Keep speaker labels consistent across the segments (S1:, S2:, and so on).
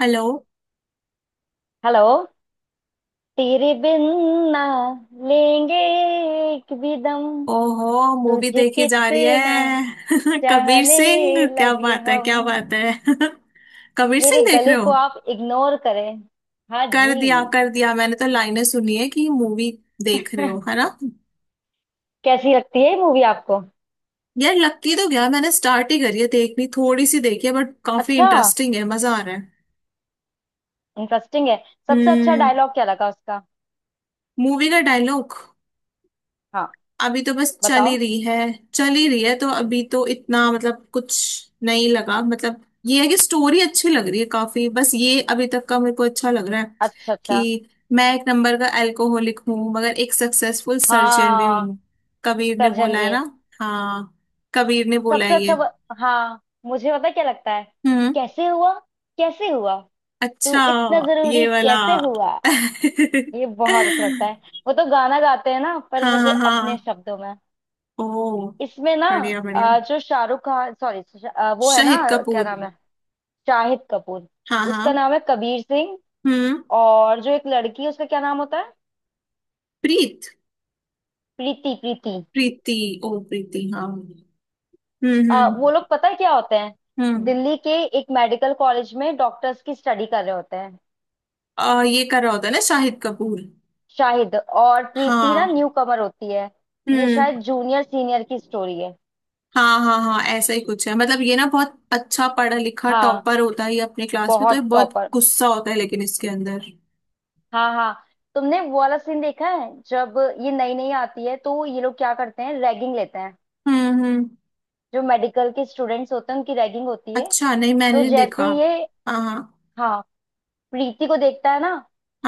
S1: Hello.
S2: Hello. तेरे बिन ना लेंगे एक भी दम।
S1: ओहो, मूवी
S2: तुझे
S1: देखी जा रही
S2: कितना
S1: है कबीर
S2: चाहने
S1: सिंह, क्या
S2: लगे
S1: बात है,
S2: हम।
S1: क्या बात है। कबीर
S2: मेरे
S1: सिंह देख
S2: गले
S1: रहे
S2: को
S1: हो?
S2: आप इग्नोर करें। हाँ जी।
S1: कर दिया कर दिया, मैंने तो लाइनें सुनी है कि मूवी देख रहे हो, है ना।
S2: कैसी लगती है मूवी आपको?
S1: यार लगती तो गया, मैंने स्टार्ट ही करी है, देखनी थोड़ी सी देखी है, बट काफी
S2: अच्छा,
S1: इंटरेस्टिंग है, मजा आ रहा है।
S2: इंटरेस्टिंग है। सबसे अच्छा
S1: हम्म।
S2: डायलॉग क्या लगा उसका?
S1: मूवी का डायलॉग?
S2: हाँ,
S1: अभी तो बस चल
S2: बताओ।
S1: ही रही है। चल ही रही है तो अभी तो इतना मतलब कुछ नहीं लगा, मतलब ये है कि स्टोरी अच्छी लग रही है काफी, बस ये अभी तक का मेरे को अच्छा लग रहा है
S2: अच्छा अच्छा।
S1: कि मैं एक नंबर का अल्कोहलिक हूँ मगर एक सक्सेसफुल सर्जन भी
S2: हाँ,
S1: हूँ। कबीर ने
S2: सर्जन
S1: बोला
S2: भी
S1: है
S2: है?
S1: ना। हाँ, कबीर ने बोला
S2: सबसे
S1: है ये।
S2: अच्छा ब... हाँ, मुझे पता क्या लगता है।
S1: हम्म।
S2: कैसे हुआ, कैसे हुआ,
S1: अच्छा।
S2: तू इतना
S1: ये
S2: जरूरी
S1: वाला।
S2: कैसे हुआ। ये बहुत अच्छा लगता है। वो तो गाना गाते हैं ना, पर
S1: हाँ
S2: मुझे
S1: हाँ
S2: अपने
S1: हाँ।
S2: शब्दों में।
S1: ओ,
S2: इसमें ना
S1: बढ़िया बढ़िया।
S2: जो शाहरुख खान, सॉरी, वो है ना,
S1: शहीद
S2: क्या
S1: कपूर।
S2: नाम है? शाहिद कपूर।
S1: हाँ
S2: उसका
S1: हाँ।
S2: नाम है कबीर सिंह।
S1: हम्म।
S2: और जो एक लड़की है, उसका क्या नाम होता है?
S1: प्रीत।
S2: प्रीति, प्रीति।
S1: प्रीति। ओ प्रीति, हाँ। हम्म।
S2: वो
S1: हम्म।
S2: लोग पता है क्या होते हैं?
S1: हम्म।
S2: दिल्ली के एक मेडिकल कॉलेज में डॉक्टर्स की स्टडी कर रहे होते हैं।
S1: ये कर रहा होता है ना शाहिद कपूर।
S2: शाहिद और प्रीति ना
S1: हाँ।
S2: न्यू कमर होती है। ये
S1: हम्म।
S2: शायद जूनियर सीनियर की स्टोरी है।
S1: हाँ हाँ हाँ, ऐसा ही कुछ है, मतलब ये ना बहुत अच्छा पढ़ा लिखा
S2: हाँ,
S1: टॉपर होता है, ये अपने क्लास में तो ये
S2: बहुत
S1: बहुत
S2: टॉपर।
S1: गुस्सा होता है, लेकिन इसके अंदर।
S2: हाँ हाँ। तुमने वो वाला सीन देखा है, जब ये नई नई आती है तो ये लोग क्या करते हैं, रैगिंग लेते हैं।
S1: हम्म।
S2: जो मेडिकल के स्टूडेंट्स होते हैं उनकी रैगिंग होती है।
S1: अच्छा, नहीं मैंने
S2: तो
S1: नहीं
S2: जैसे
S1: देखा।
S2: ही ये,
S1: हाँ हाँ
S2: हाँ, प्रीति को देखता है ना,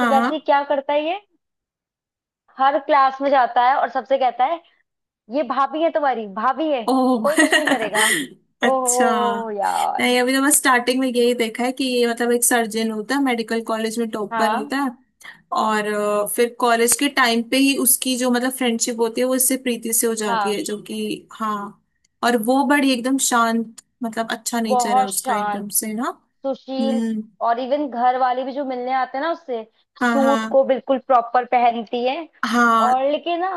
S2: तो वैसे ही क्या करता है ये, हर क्लास में जाता है और सबसे कहता है, ये भाभी है, तुम्हारी भाभी है,
S1: ओह
S2: कोई कुछ नहीं करेगा।
S1: अच्छा।
S2: ओहो यार।
S1: नहीं, अभी तो बस स्टार्टिंग में यही देखा है कि ये मतलब एक सर्जन होता है, मेडिकल कॉलेज में टॉपर
S2: हाँ
S1: होता है। और फिर कॉलेज के टाइम पे ही उसकी जो मतलब फ्रेंडशिप होती है वो इससे प्रीति से हो जाती
S2: हाँ।
S1: है, जो कि हाँ। और वो बड़ी एकदम शांत, मतलब अच्छा नेचर है
S2: बहुत
S1: उसका,
S2: शांत,
S1: एकदम से ना।
S2: सुशील।
S1: हम्म।
S2: और इवन घर वाले भी जो मिलने आते हैं ना उससे,
S1: हाँ
S2: सूट
S1: हाँ
S2: को बिल्कुल प्रॉपर पहनती है।
S1: हाँ।
S2: और लेकिन ना,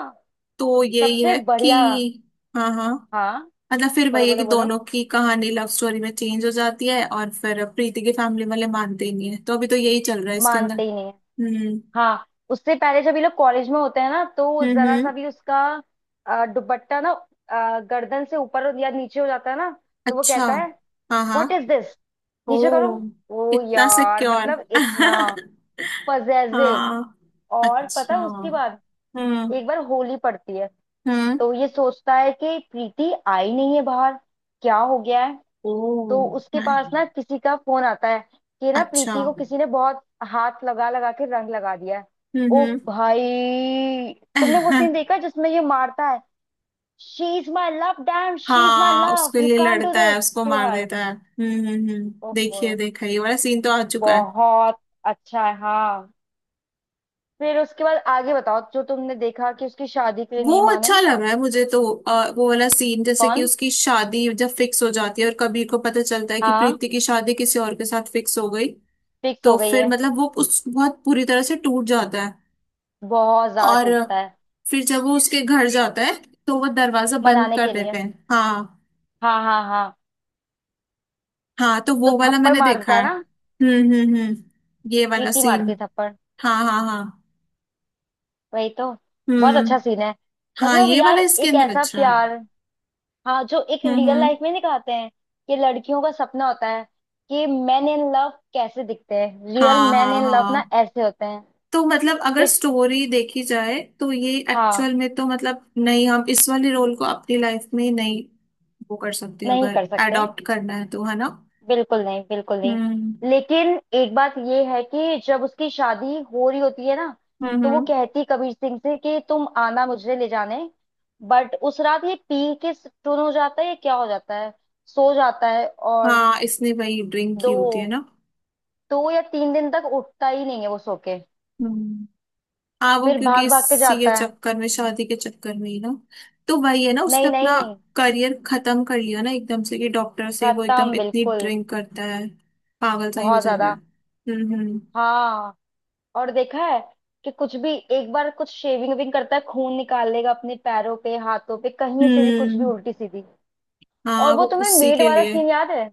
S1: तो यही
S2: सबसे
S1: है
S2: बढ़िया।
S1: कि हाँ हाँ,
S2: हाँ,
S1: मतलब फिर
S2: बोलो
S1: वही है कि
S2: बोलो बोलो।
S1: दोनों की कहानी लव स्टोरी में चेंज हो जाती है और फिर प्रीति के फैमिली वाले मानते ही नहीं है, तो अभी तो यही चल रहा है इसके अंदर।
S2: मानते ही नहीं है।
S1: हम्म
S2: हाँ, उससे पहले जब ये लोग कॉलेज में होते हैं ना, तो जरा सा
S1: हम्म।
S2: भी उसका दुपट्टा ना गर्दन से ऊपर या नीचे हो जाता है ना, तो वो
S1: अच्छा।
S2: कहता है,
S1: हाँ
S2: व्हाट
S1: हाँ।
S2: इज दिस,
S1: ओ,
S2: नीचे करो। ओ
S1: इतना
S2: यार,
S1: सिक्योर।
S2: मतलब इतना पजेसिव।
S1: हाँ।
S2: और पता
S1: अच्छा।
S2: है उसके बाद,
S1: हम्म
S2: एक बार होली पड़ती है,
S1: हम्म।
S2: तो ये सोचता है कि प्रीति आई नहीं है बाहर, क्या हो गया है।
S1: ओ।
S2: तो उसके पास
S1: नहीं।
S2: ना किसी का फोन आता है कि ना
S1: अच्छा।
S2: प्रीति को किसी ने बहुत हाथ लगा लगा के रंग लगा दिया है। ओ
S1: हम्म।
S2: भाई, तुमने वो सीन देखा है जिसमें ये मारता है, she is my love, dam, she is my
S1: हाँ,
S2: लव,
S1: उसके
S2: यू
S1: लिए
S2: कांट डू
S1: लड़ता है,
S2: दिस
S1: उसको
S2: टू
S1: मार
S2: हर।
S1: देता है। हम्म,
S2: ओहो,
S1: देखिए, देखा, ये वाला सीन तो आ चुका है।
S2: बहुत अच्छा है। हाँ, फिर उसके बाद आगे बताओ, जो तुमने देखा, कि उसकी शादी के लिए
S1: वो
S2: नहीं
S1: अच्छा
S2: माने।
S1: लग रहा है मुझे तो। वो वाला सीन जैसे कि
S2: कौन?
S1: उसकी शादी जब फिक्स हो जाती है और कबीर को पता चलता है कि
S2: हाँ,
S1: प्रीति की शादी किसी और के साथ फिक्स हो गई,
S2: फिक्स हो
S1: तो
S2: गई
S1: फिर
S2: है।
S1: मतलब वो उस बहुत पूरी तरह से टूट जाता है।
S2: बहुत ज्यादा
S1: और
S2: टूटता है।
S1: फिर जब वो उसके घर जाता है तो वो दरवाजा बंद
S2: मनाने
S1: कर
S2: के लिए।
S1: देते हैं, हाँ।
S2: हाँ हाँ हाँ।
S1: हाँ, तो
S2: तो
S1: वो वाला
S2: थप्पड़
S1: मैंने देखा
S2: मारता है
S1: है।
S2: ना,
S1: हम्म, ये वाला
S2: प्रीति मारती
S1: सीन।
S2: है थप्पड़।
S1: हाँ हाँ हाँ।
S2: वही तो, बहुत
S1: हम्म।
S2: अच्छा सीन है।
S1: हाँ,
S2: मतलब
S1: ये
S2: यार,
S1: वाला इसके
S2: एक
S1: अंदर
S2: ऐसा
S1: अच्छा है।
S2: प्यार, हाँ, जो एक रियल
S1: हम्म।
S2: लाइफ में दिखाते हैं, कि लड़कियों का सपना होता है, कि मैन इन लव कैसे दिखते हैं, रियल
S1: हाँ
S2: मैन
S1: हाँ
S2: इन लव ना
S1: हाँ,
S2: ऐसे होते हैं।
S1: तो मतलब अगर
S2: कि
S1: स्टोरी देखी जाए तो ये
S2: हाँ,
S1: एक्चुअल में तो मतलब नहीं, हम इस वाले रोल को अपनी लाइफ में नहीं वो कर सकते,
S2: नहीं
S1: अगर
S2: कर सकते,
S1: अडॉप्ट करना है तो, है ना।
S2: बिल्कुल नहीं, बिल्कुल नहीं।
S1: हम्म
S2: लेकिन एक बात ये है, कि जब उसकी शादी हो रही होती है ना, तो वो
S1: हम्म।
S2: कहती कबीर सिंह से कि तुम आना मुझे ले जाने। बट उस रात ये पी के टून हो जाता है, या क्या हो जाता है, सो जाता है और
S1: हाँ, इसने वही ड्रिंक की
S2: दो,
S1: होती है ना।
S2: दो या तीन दिन तक उठता ही नहीं है वो सो के।
S1: हम्म। हाँ, वो
S2: फिर
S1: क्योंकि
S2: भाग भाग के
S1: इसी के
S2: जाता है।
S1: चक्कर में, शादी के चक्कर में ही ना, तो वही है ना, उसने
S2: नहीं
S1: अपना
S2: नहीं।
S1: करियर खत्म कर लिया ना एकदम से, कि डॉक्टर से वो एकदम
S2: खत्म
S1: इतनी
S2: बिल्कुल।
S1: ड्रिंक करता है, पागल सा ही हो
S2: बहुत
S1: जाता है।
S2: ज्यादा।
S1: हम्म हम्म
S2: हाँ। और देखा है कि कुछ भी, एक बार कुछ शेविंग विंग करता है, खून निकाल लेगा अपने पैरों पे, हाथों पे, कहीं से भी, कुछ भी
S1: हम्म।
S2: उल्टी सीधी। और
S1: हाँ,
S2: वो
S1: वो
S2: तुम्हें
S1: उसी
S2: मेड
S1: के
S2: वाला
S1: लिए।
S2: सीन याद है?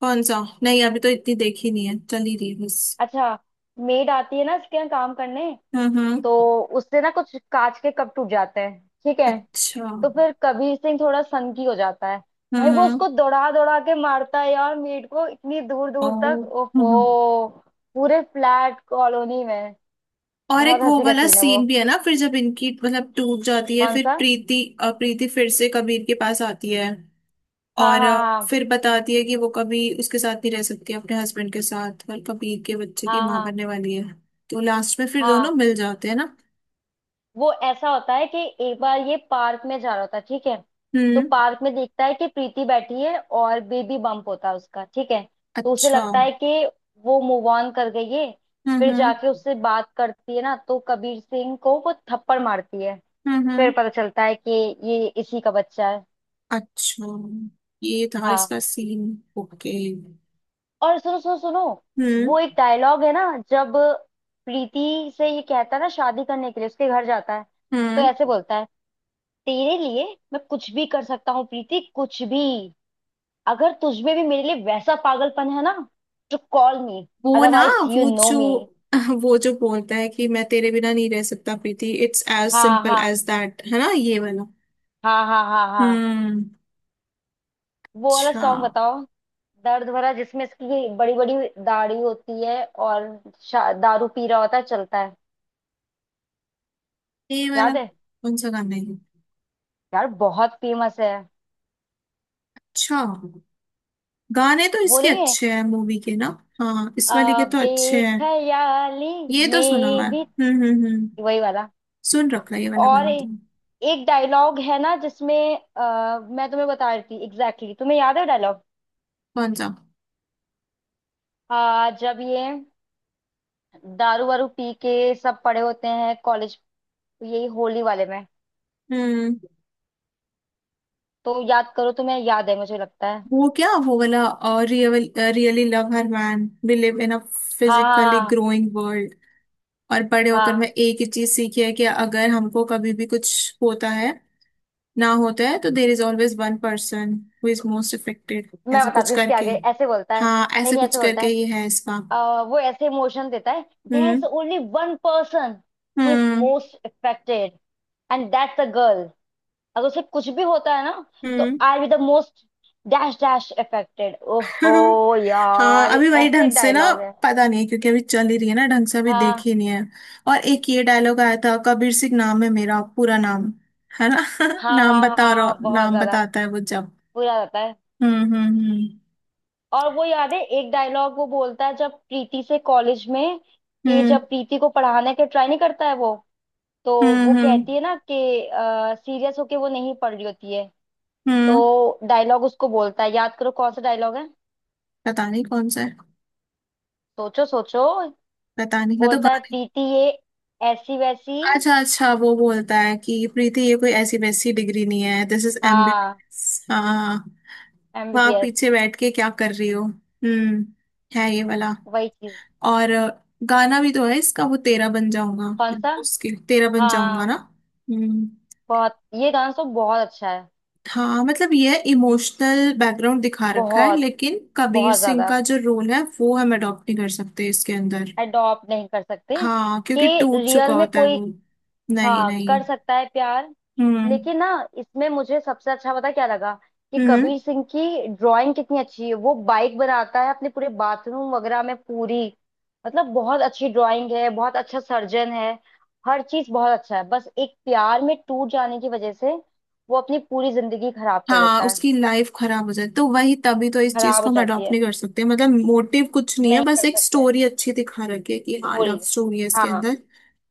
S1: कौन सा? नहीं, अभी तो इतनी देखी नहीं है, चल ही रही है बस।
S2: अच्छा, मेड आती है ना इसके यहाँ काम करने,
S1: हम्म।
S2: तो उससे ना कुछ कांच के कप टूट जाते हैं, ठीक है,
S1: अच्छा।
S2: तो फिर कबीर सिंह थोड़ा सनकी हो जाता है। भाई, वो
S1: हम्म।
S2: उसको दौड़ा दौड़ा के मारता है यार, मेड को, इतनी दूर
S1: ओ।
S2: दूर तक।
S1: हम्म हम्म।
S2: ओफो, पूरे फ्लैट कॉलोनी में।
S1: और एक
S2: बहुत
S1: वो
S2: हंसी का
S1: वाला
S2: सीन है वो।
S1: सीन भी है ना, फिर जब इनकी मतलब टूट जाती है,
S2: कौन
S1: फिर
S2: सा?
S1: प्रीति, प्रीति फिर से कबीर के पास आती है।
S2: हाँ
S1: और
S2: हाँ हाँ।
S1: फिर बताती है कि वो कभी उसके साथ नहीं रह सकती अपने हस्बैंड के साथ, और कभी के बच्चे की
S2: हाँ
S1: माँ
S2: हाँ
S1: बनने वाली है, तो लास्ट में फिर
S2: हाँ।
S1: दोनों मिल जाते हैं ना।
S2: वो ऐसा होता है कि एक बार ये पार्क में जा रहा होता है, ठीक है, तो
S1: हम्म।
S2: पार्क में देखता है कि प्रीति बैठी है और बेबी बम्प होता है उसका, ठीक है, तो उसे
S1: अच्छा।
S2: लगता है कि वो मूव ऑन कर गई है। फिर
S1: हम्म
S2: जाके उससे बात करती है ना, तो कबीर सिंह को वो थप्पड़ मारती है। फिर
S1: हम्म।
S2: पता चलता है कि ये इसी का बच्चा है।
S1: अच्छा, ये था
S2: हाँ।
S1: इसका सीन। ओके।
S2: और सुनो सुनो सुनो,
S1: हम्म
S2: वो एक डायलॉग है ना, जब प्रीति से ये कहता है ना, शादी करने के लिए उसके घर जाता है, तो
S1: हम्म।
S2: ऐसे बोलता है, तेरे लिए मैं कुछ भी कर सकता हूँ प्रीति, कुछ भी। अगर तुझमें भी मेरे लिए वैसा पागलपन है ना, तो कॉल मी,
S1: वो ना,
S2: अदरवाइज यू
S1: वो
S2: नो
S1: जो
S2: मी।
S1: वो जो बोलता है कि मैं तेरे बिना नहीं रह सकता प्रीति, इट्स एज
S2: हाँ
S1: सिंपल
S2: हाँ
S1: एज दैट, है ना, ये वाला।
S2: हाँ हाँ हाँ हाँ।
S1: हम्म।
S2: वो वाला
S1: अच्छा,
S2: सॉन्ग बताओ, दर्द भरा, जिसमें इसकी बड़ी बड़ी दाढ़ी होती है और दारू पी रहा होता है, चलता है।
S1: ये वाला।
S2: याद है?
S1: कौन सा गाना है?
S2: यार बहुत फेमस है।
S1: अच्छा, गाने तो
S2: वो
S1: इसके
S2: नहीं है,
S1: अच्छे हैं मूवी के ना। हाँ, इस वाली के
S2: आ,
S1: तो अच्छे हैं।
S2: बेख्याली
S1: ये तो सुना हुआ
S2: में
S1: है,
S2: भी,
S1: हम्म।
S2: वही वाला।
S1: सुन रखा है ये वाला
S2: और
S1: गाना तो।
S2: एक डायलॉग है ना जिसमें, मैं तुम्हें बता रही थी एग्जैक्टली exactly। तुम्हें याद है डायलॉग?
S1: कौन सा?
S2: आ, जब ये दारू वारू पी के सब पड़े होते हैं कॉलेज, यही होली वाले में,
S1: हम्म।
S2: तो याद करो, तुम्हें याद है, मुझे लगता है।
S1: वो क्या, वो वाला, और real, really love her, man believe in a
S2: हाँ
S1: फिजिकली
S2: हाँ
S1: ग्रोइंग वर्ल्ड। और बड़े
S2: हाँ
S1: होकर मैं
S2: हाँ।
S1: एक ही चीज सीखी है, कि अगर हमको कभी भी कुछ होता है ना, होता है, तो there is always one person who is most affected,
S2: मैं
S1: ऐसा
S2: बताती
S1: कुछ
S2: हूँ, इसके
S1: करके।
S2: आगे ऐसे बोलता है।
S1: हाँ,
S2: नहीं
S1: ऐसे
S2: नहीं,
S1: कुछ
S2: ऐसे बोलता
S1: करके,
S2: है,
S1: ये है इसका।
S2: वो ऐसे इमोशन देता है, there is
S1: hmm
S2: only one person who is
S1: hmm
S2: most affected, and that's a girl. अगर उसे कुछ भी होता है ना, तो
S1: hmm.
S2: I be the most dash dash affected. ओहो
S1: हाँ,
S2: यार,
S1: अभी वही
S2: ऐसे
S1: ढंग से ना
S2: डायलॉग है।
S1: पता नहीं, क्योंकि अभी चल ही रही है ना, ढंग से अभी
S2: हाँ
S1: देखी नहीं है। और एक ये डायलॉग आया था, कबीर सिंह नाम है मेरा, पूरा नाम, है ना।
S2: हाँ
S1: नाम
S2: हाँ
S1: बता रहा,
S2: हाँ, बहुत
S1: नाम
S2: ज्यादा
S1: बताता है वो जब।
S2: बुरा रहता है।
S1: हम्म हम्म
S2: और वो याद है एक डायलॉग वो बोलता है, जब प्रीति से कॉलेज में, कि
S1: हम्म
S2: जब प्रीति को पढ़ाने के ट्राई नहीं करता है वो,
S1: हम्म
S2: तो वो
S1: हम्म हम्म
S2: कहती है ना कि सीरियस होके वो नहीं पढ़ रही होती है,
S1: हम्म।
S2: तो डायलॉग उसको बोलता है, याद करो कौन सा डायलॉग है।
S1: पता नहीं कौन सा है,
S2: सोचो सोचो,
S1: पता नहीं, मैं तो
S2: बोलता है,
S1: गाने।
S2: प्रीति ये ऐसी वैसी।
S1: अच्छा अच्छा, वो बोलता है कि प्रीति, ये कोई ऐसी वैसी डिग्री नहीं है, दिस इज
S2: हाँ,
S1: एमबीबीएस, हाँ, वहाँ
S2: एमबीबीएस,
S1: पीछे बैठ के क्या कर रही हो। हम्म, है ये वाला।
S2: वही चीज।
S1: और गाना भी तो है इसका, वो तेरा बन जाऊंगा,
S2: कौन सा?
S1: उसके तेरा बन जाऊंगा ना।
S2: हाँ,
S1: हम्म।
S2: बहुत, ये गाना तो बहुत अच्छा है।
S1: हाँ, मतलब ये इमोशनल बैकग्राउंड दिखा रखा है,
S2: बहुत,
S1: लेकिन कबीर
S2: बहुत
S1: सिंह
S2: ज्यादा,
S1: का जो रोल है वो हम अडॉप्ट नहीं कर सकते इसके अंदर।
S2: अडॉप्ट नहीं कर सकते।
S1: हाँ, क्योंकि
S2: कि
S1: टूट
S2: रियल
S1: चुका
S2: में
S1: होता है
S2: कोई,
S1: वो। नहीं
S2: हाँ,
S1: नहीं।
S2: कर सकता है प्यार।
S1: हम्म
S2: लेकिन ना, इसमें मुझे सबसे अच्छा पता क्या लगा, कि
S1: हम्म।
S2: कबीर सिंह की ड्राइंग कितनी अच्छी है। वो बाइक बनाता है अपने पूरे बाथरूम वगैरह में, पूरी, मतलब बहुत अच्छी ड्राइंग है, बहुत अच्छा सर्जन है, हर चीज बहुत अच्छा है। बस एक प्यार में टूट जाने की वजह से वो अपनी पूरी जिंदगी खराब कर
S1: हाँ,
S2: लेता है।
S1: उसकी लाइफ खराब हो जाए तो वही, तभी तो इस चीज
S2: खराब हो
S1: को हम
S2: जाती
S1: अडॉप्ट
S2: है,
S1: नहीं कर सकते, मतलब मोटिव कुछ नहीं है,
S2: नहीं
S1: बस
S2: कर
S1: एक
S2: सकते।
S1: स्टोरी अच्छी दिखा रखी है कि हाँ,
S2: चोरी।
S1: लव स्टोरी है इसके
S2: हाँ
S1: अंदर,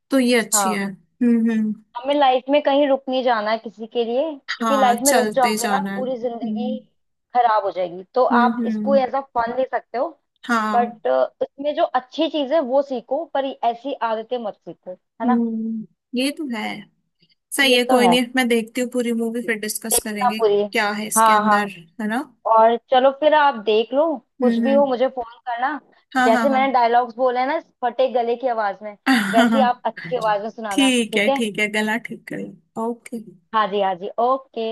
S1: तो ये अच्छी
S2: हाँ।
S1: है। हम्म।
S2: हमें लाइफ में कहीं रुक नहीं जाना है किसी के लिए, क्योंकि
S1: हाँ,
S2: लाइफ में रुक
S1: चलते
S2: जाओगे ना,
S1: जाना है।
S2: पूरी जिंदगी खराब हो जाएगी। तो
S1: हम्म
S2: आप इसको
S1: हम्म,
S2: एज अ फन ले सकते हो,
S1: हाँ।
S2: बट इसमें जो अच्छी चीज है वो सीखो, पर ऐसी आदतें मत सीखो, है ना।
S1: हम्म। ये तो है। सही
S2: ये
S1: है,
S2: तो
S1: कोई
S2: है,
S1: नहीं, मैं देखती हूँ पूरी मूवी फिर डिस्कस
S2: देखना
S1: करेंगे,
S2: पूरी।
S1: क्या है इसके
S2: हाँ हाँ।
S1: अंदर, है ना।
S2: और चलो फिर आप देख लो, कुछ भी
S1: हम्म।
S2: हो मुझे फोन करना।
S1: हाँ हाँ
S2: जैसे
S1: हाँ।
S2: मैंने डायलॉग्स बोले हैं ना इस फटे गले की आवाज में,
S1: हाँ
S2: वैसी आप
S1: हाँ।
S2: अच्छी आवाज में सुनाना,
S1: ठीक है
S2: ठीक है।
S1: ठीक है, गला ठीक कर। ओके।
S2: हाँ जी, हाँ जी, ओके।